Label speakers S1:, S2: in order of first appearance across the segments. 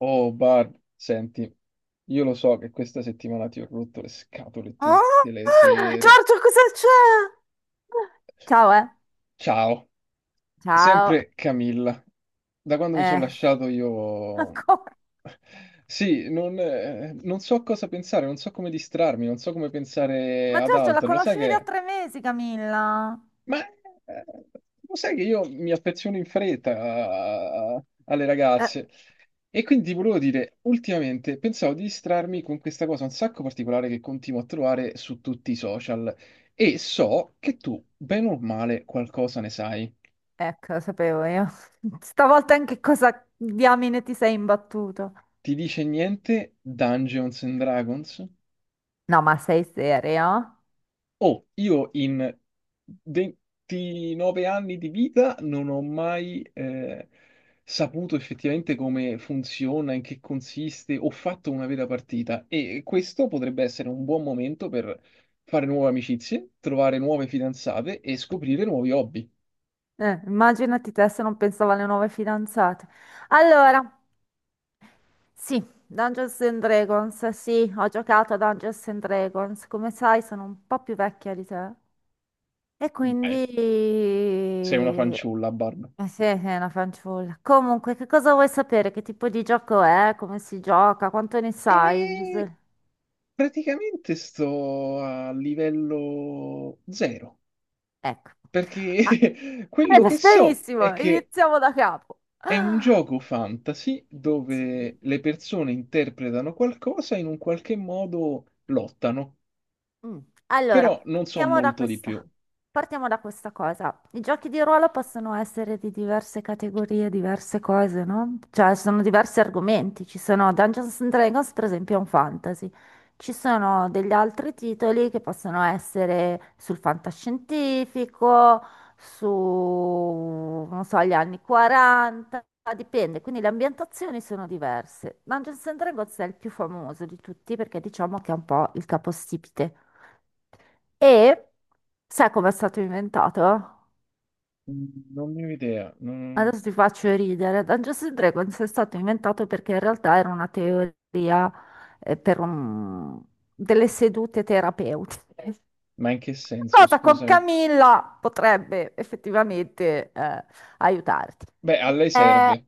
S1: Oh, Barb, senti, io lo so che questa settimana ti ho rotto le scatole
S2: Oh,
S1: tutte le sere.
S2: Giorgio, cosa c'è? Ciao, eh.
S1: Ciao,
S2: Ciao,
S1: sempre Camilla. Da quando mi sono
S2: eh.
S1: lasciato io...
S2: Ancora.
S1: Sì, non so cosa pensare, non so come distrarmi, non so come pensare
S2: Ma
S1: ad
S2: Giorgio, la
S1: altro. Lo sai
S2: conoscevi
S1: che
S2: da
S1: è?
S2: 3 mesi, Camilla?
S1: Ma eh, Lo sai che io mi affeziono in fretta alle
S2: Eh,
S1: ragazze, e quindi volevo dire, ultimamente pensavo di distrarmi con questa cosa un sacco particolare che continuo a trovare su tutti i social, e so che tu, bene o male, qualcosa ne sai.
S2: ecco, lo sapevo io. Stavolta in che cosa diamine ti sei imbattuto?
S1: Ti dice niente Dungeons and Dragons?
S2: No, ma sei serio?
S1: Oh, io in 29 anni di vita non ho mai saputo effettivamente come funziona, in che consiste, ho fatto una vera partita, e questo potrebbe essere un buon momento per fare nuove amicizie, trovare nuove fidanzate e scoprire nuovi hobby.
S2: Immaginati te se non pensavo alle nuove fidanzate. Allora, sì, Dungeons and Dragons, sì, ho giocato a Dungeons and Dragons. Come sai, sono un po' più vecchia di te. E quindi.
S1: Dai, sei una
S2: Eh
S1: fanciulla, Barb.
S2: sì, sì, è una fanciulla. Comunque, che cosa vuoi sapere? Che tipo di gioco è? Come si gioca? Quanto ne sai?
S1: E praticamente sto a livello zero,
S2: Ecco. Ah,
S1: perché quello che so è
S2: benissimo,
S1: che
S2: iniziamo da capo.
S1: è un gioco fantasy
S2: Sì.
S1: dove le persone interpretano qualcosa e in un qualche modo lottano,
S2: Mm. Allora,
S1: però non so
S2: partiamo da
S1: molto di più.
S2: questa. Partiamo da questa cosa. I giochi di ruolo possono essere di diverse categorie, diverse cose, no? Cioè, sono diversi argomenti. Ci sono Dungeons and Dragons, per esempio, è un fantasy. Ci sono degli altri titoli che possono essere sul fantascientifico, su, non so, gli anni 40, dipende. Quindi le ambientazioni sono diverse. Dungeons and Dragons è il più famoso di tutti perché diciamo che è un po' il capostipite. E sai com'è stato inventato?
S1: Mm, non ne ho idea. Mm,
S2: Adesso ti faccio ridere. Dungeons and Dragons è stato inventato perché in realtà era una teoria eh, per un- delle sedute terapeutiche.
S1: ma in che senso,
S2: Cosa con
S1: scusami?
S2: Camilla potrebbe effettivamente aiutarti.
S1: Beh, a lei
S2: Eh,
S1: serve.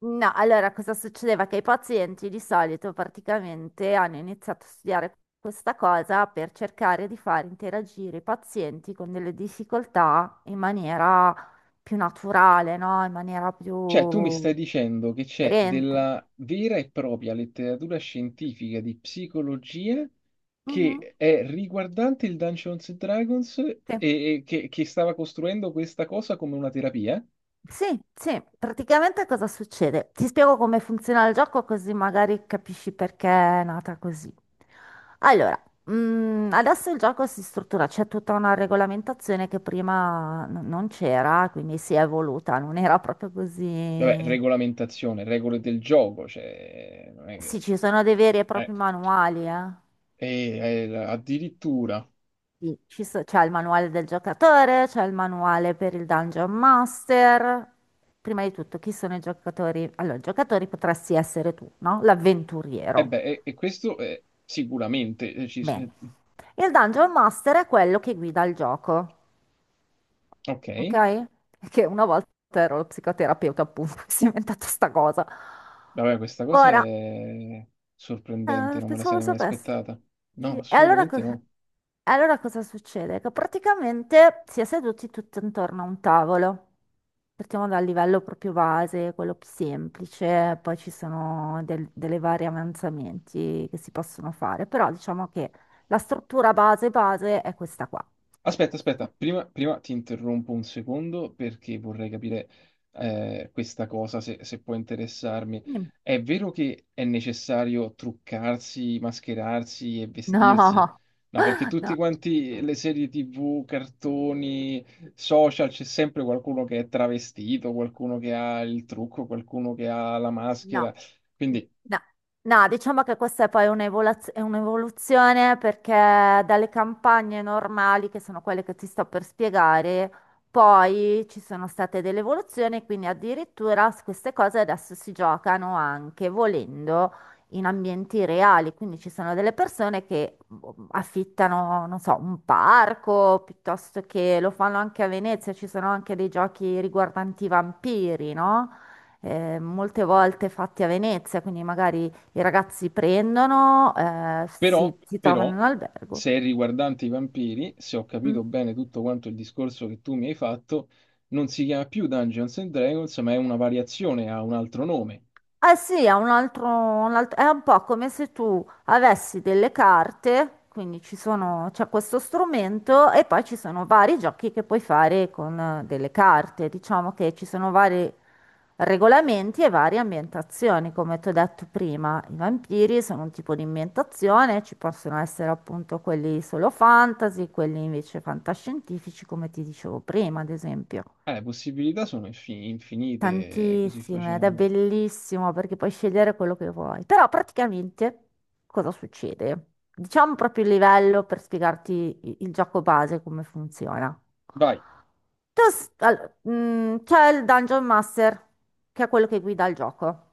S2: No, allora cosa succedeva? Che i pazienti di solito praticamente hanno iniziato a studiare questa cosa per cercare di far interagire i pazienti con delle difficoltà in maniera più naturale, no? In maniera
S1: Cioè, tu mi stai
S2: più
S1: dicendo che c'è
S2: aderente.
S1: della vera e propria letteratura scientifica di psicologia
S2: Mhm,
S1: che è riguardante il Dungeons and Dragons e
S2: sì.
S1: e che, che stava costruendo questa cosa come una terapia?
S2: Sì, sì, praticamente cosa succede? Ti spiego come funziona il gioco così magari capisci perché è nata così. Allora, adesso il gioco si struttura, c'è tutta una regolamentazione che prima non c'era, quindi si è evoluta, non era proprio
S1: Vabbè,
S2: così.
S1: regolamentazione, regole del gioco, cioè, non è che...
S2: Sì, ci sono dei veri e
S1: eh,
S2: propri manuali, eh.
S1: addirittura...
S2: Sì, c'è il manuale del giocatore, c'è il manuale per il Dungeon Master. Prima di tutto, chi sono i giocatori? Allora, i giocatori potresti essere tu, no?
S1: E
S2: L'avventuriero.
S1: beh, questo è sicuramente...
S2: Bene. Il Dungeon Master è quello che guida il gioco,
S1: ok,
S2: ok? Che una volta ero lo psicoterapeuta, appunto, si è inventata sta cosa.
S1: vabbè, questa cosa
S2: Ora.
S1: è sorprendente,
S2: Ah,
S1: non me la
S2: pensavo lo
S1: sarei mai
S2: sapessi.
S1: aspettata.
S2: Sì.
S1: No,
S2: E allora,
S1: assolutamente no.
S2: allora cosa succede? Che praticamente si è seduti tutti intorno a un tavolo. Partiamo dal livello proprio base, quello più semplice, poi ci sono delle vari avanzamenti che si possono fare, però diciamo che la struttura base base è questa qua.
S1: Aspetta, prima, ti interrompo un secondo perché vorrei capire questa cosa, se, se può interessarmi.
S2: Mm.
S1: È vero che è necessario truccarsi, mascherarsi e vestirsi?
S2: No,
S1: No, perché tutti
S2: no,
S1: quanti le serie TV, cartoni, social, c'è sempre qualcuno che è travestito, qualcuno che ha il trucco, qualcuno che ha la maschera.
S2: no.
S1: Quindi
S2: No, no, diciamo che questa è poi è un'evoluzione perché dalle campagne normali, che sono quelle che ti sto per spiegare, poi ci sono state delle evoluzioni, quindi addirittura queste cose adesso si giocano anche volendo in ambienti reali, quindi ci sono delle persone che boh, affittano, non so, un parco, piuttosto che lo fanno anche a Venezia, ci sono anche dei giochi riguardanti i vampiri, no? Molte volte fatti a Venezia, quindi magari i ragazzi prendono,
S1: però,
S2: si trovano in
S1: però,
S2: un albergo.
S1: se è riguardante i vampiri, se ho capito
S2: Mm.
S1: bene tutto quanto il discorso che tu mi hai fatto, non si chiama più Dungeons and Dragons, ma è una variazione, ha un altro nome.
S2: Eh sì, è un altro, è un po' come se tu avessi delle carte, quindi ci sono, c'è questo strumento e poi ci sono vari giochi che puoi fare con delle carte. Diciamo che ci sono vari regolamenti e varie ambientazioni, come ti ho detto prima. I vampiri sono un tipo di ambientazione, ci possono essere appunto quelli solo fantasy, quelli invece fantascientifici, come ti dicevo prima, ad esempio.
S1: Le possibilità sono infinite così
S2: Tantissime, ed è
S1: facendo.
S2: bellissimo perché puoi scegliere quello che vuoi. Però praticamente cosa succede? Diciamo proprio il livello per spiegarti il gioco base, come funziona.
S1: Vai.
S2: Tu s- all- mm, C'è il Dungeon Master, che è quello che guida il gioco.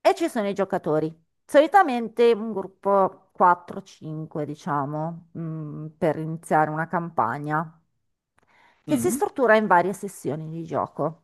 S2: E ci sono i giocatori. Solitamente un gruppo 4-5, diciamo, per iniziare una campagna, che si
S1: Mm.
S2: struttura in varie sessioni di gioco.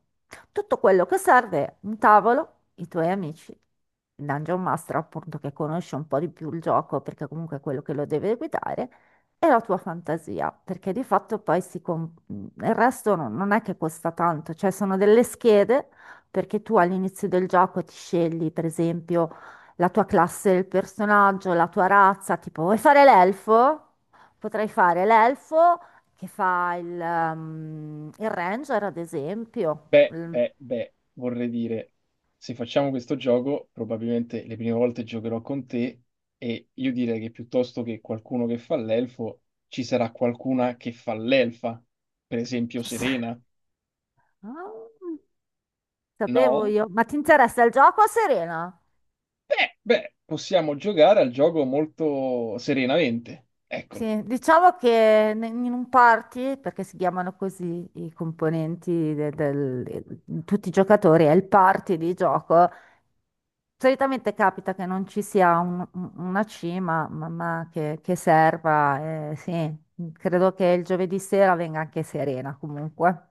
S2: Tutto quello che serve è un tavolo, i tuoi amici, il Dungeon Master, appunto, che conosce un po' di più il gioco, perché comunque è quello che lo deve guidare, e la tua fantasia, perché di fatto poi il resto non è che costa tanto, cioè sono delle schede perché tu all'inizio del gioco ti scegli, per esempio, la tua classe del personaggio, la tua razza, tipo vuoi fare l'elfo? Potrai fare l'elfo che fa il ranger, ad esempio.
S1: Beh, beh, beh, vorrei dire, se facciamo questo gioco, probabilmente le prime volte giocherò con te e io direi che, piuttosto che qualcuno che fa l'elfo, ci sarà qualcuna che fa l'elfa, per esempio
S2: Ci sa-
S1: Serena.
S2: Ah, Sapevo
S1: No?
S2: io. Ma ti interessa il gioco, Serena?
S1: Beh, possiamo giocare al gioco molto serenamente. Eccolo,
S2: Sì, diciamo che in un party, perché si chiamano così i componenti del, tutti i giocatori, è il party di gioco. Solitamente capita che non ci sia una cima, ma che serva. Sì, credo che il giovedì sera venga anche Serena comunque.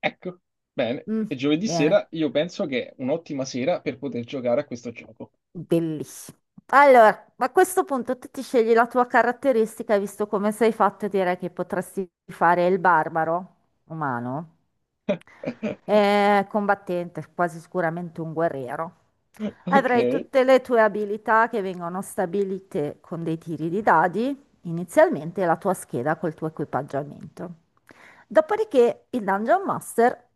S1: ecco. Bene. E
S2: Mm,
S1: giovedì
S2: Bene,
S1: sera io penso che è un'ottima sera per poter giocare a questo gioco.
S2: bellissimo. Allora, a questo punto tu ti scegli la tua caratteristica e visto come sei fatto, direi che potresti fare il barbaro umano. È combattente, quasi sicuramente un guerriero.
S1: Ok.
S2: Avrai tutte le tue abilità che vengono stabilite con dei tiri di dadi, inizialmente e la tua scheda col tuo equipaggiamento. Dopodiché il Dungeon Master,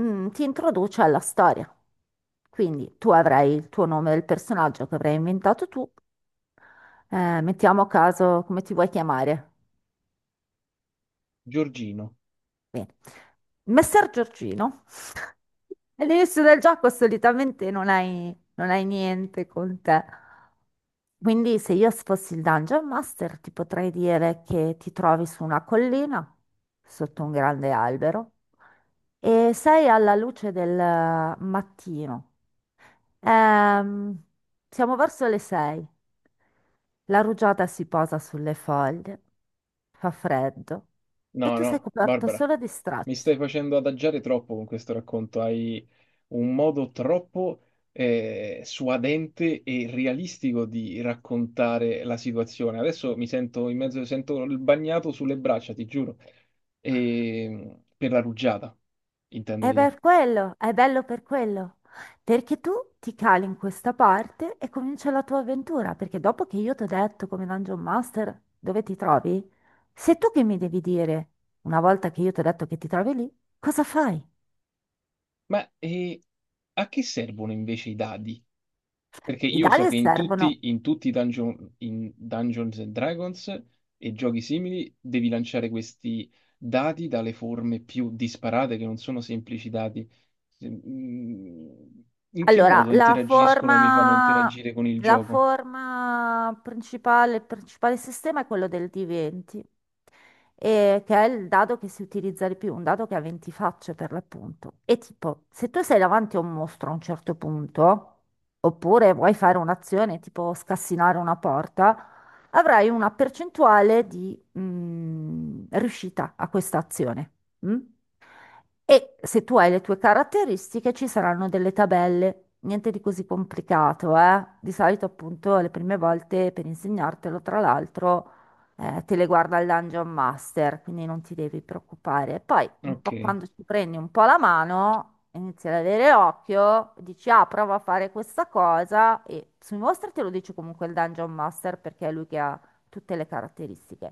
S2: ti introduce alla storia. Quindi tu avrai il tuo nome del personaggio che avrai inventato tu. Mettiamo a caso come ti vuoi chiamare.
S1: Giorgino.
S2: Bene. Messer Giorgino. All'inizio del gioco solitamente non hai niente con te. Quindi se io fossi il Dungeon Master ti potrei dire che ti trovi su una collina, sotto un grande albero, e sei alla luce del mattino. Ehm, Siamo verso le sei. La rugiada si posa sulle foglie, fa freddo e
S1: No,
S2: tu sei
S1: no,
S2: coperto
S1: Barbara.
S2: solo di
S1: Mi
S2: stracci.
S1: stai facendo adagiare troppo con questo racconto, hai un modo troppo suadente e realistico di raccontare la situazione. Adesso mi sento in mezzo, sento il bagnato sulle braccia, ti giuro, per la rugiada, intendo
S2: È
S1: dire.
S2: per quello, è bello per quello, perché tu ti cali in questa parte e comincia la tua avventura, perché dopo che io ti ho detto come Dungeon Master dove ti trovi, sei tu che mi devi dire, una volta che io ti ho detto che ti trovi lì, cosa fai?
S1: Ma e A che servono invece i dadi? Perché
S2: I
S1: io so
S2: dadi
S1: che in
S2: servono.
S1: tutti, in tutti i dungeon, in Dungeons and Dragons e giochi simili devi lanciare questi dati dalle forme più disparate, che non sono semplici dati. Se- mm, In che
S2: Allora,
S1: modo interagiscono e mi fanno interagire con il
S2: la
S1: gioco?
S2: forma principale, il principale sistema è quello del D20, che è il dado che si utilizza di più, un dado che ha 20 facce per l'appunto. E tipo, se tu sei davanti a un mostro a un certo punto, oppure vuoi fare un'azione tipo scassinare una porta, avrai una percentuale di riuscita a questa azione. Mm? E se tu hai le tue caratteristiche ci saranno delle tabelle, niente di così complicato, eh? Di solito appunto le prime volte per insegnartelo, tra l'altro, te le guarda il Dungeon Master, quindi non ti devi preoccupare. Poi un po'
S1: Ok.
S2: quando ci prendi un po' la mano, inizi ad avere occhio, dici ah, prova a fare questa cosa e sui mostri te lo dice comunque il Dungeon Master perché è lui che ha tutte le caratteristiche.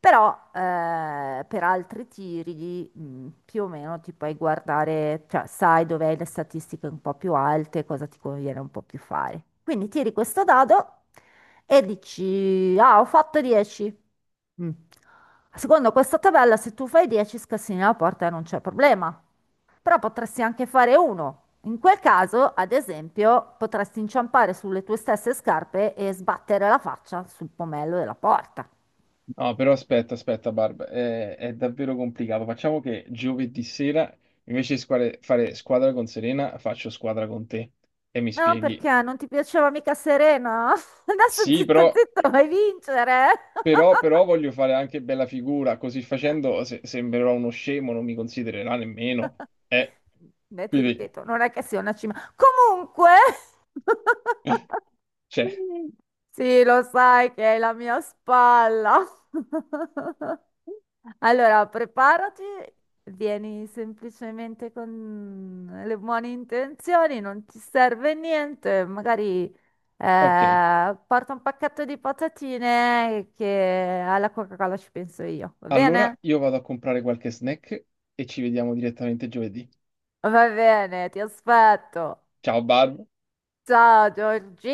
S2: Però per altri tiri più o meno ti puoi guardare, cioè sai dov'è le statistiche un po' più alte, cosa ti conviene un po' più fare. Quindi tiri questo dado e dici, ah, ho fatto 10. Mm. Secondo questa tabella, se tu fai 10 scassini alla porta non c'è problema. Però potresti anche fare uno. In quel caso, ad esempio, potresti inciampare sulle tue stesse scarpe e sbattere la faccia sul pomello della porta.
S1: No, però aspetta, Barb, è davvero complicato. Facciamo che giovedì sera, invece di fare squadra con Serena, faccio squadra con te e mi
S2: No,
S1: spieghi.
S2: perché non ti piaceva mica Serena? Adesso
S1: Sì,
S2: zitto
S1: però
S2: zitto vai a vincere.
S1: però, però voglio fare anche bella figura, così facendo sembrerò uno scemo, non mi considererà nemmeno. Eh,
S2: Beh, ti
S1: quindi,
S2: ripeto, non è che sia una cima. Comunque,
S1: cioè,
S2: sì, lo sai che è la mia spalla. Allora, preparati, vieni semplicemente con le buone intenzioni, non ti serve niente, magari
S1: ok.
S2: porta un pacchetto di patatine che alla Coca-Cola ci penso io, va
S1: Allora
S2: bene?
S1: io vado a comprare qualche snack e ci vediamo direttamente giovedì.
S2: Va bene, ti aspetto.
S1: Ciao Barb.
S2: Ciao Giorgi.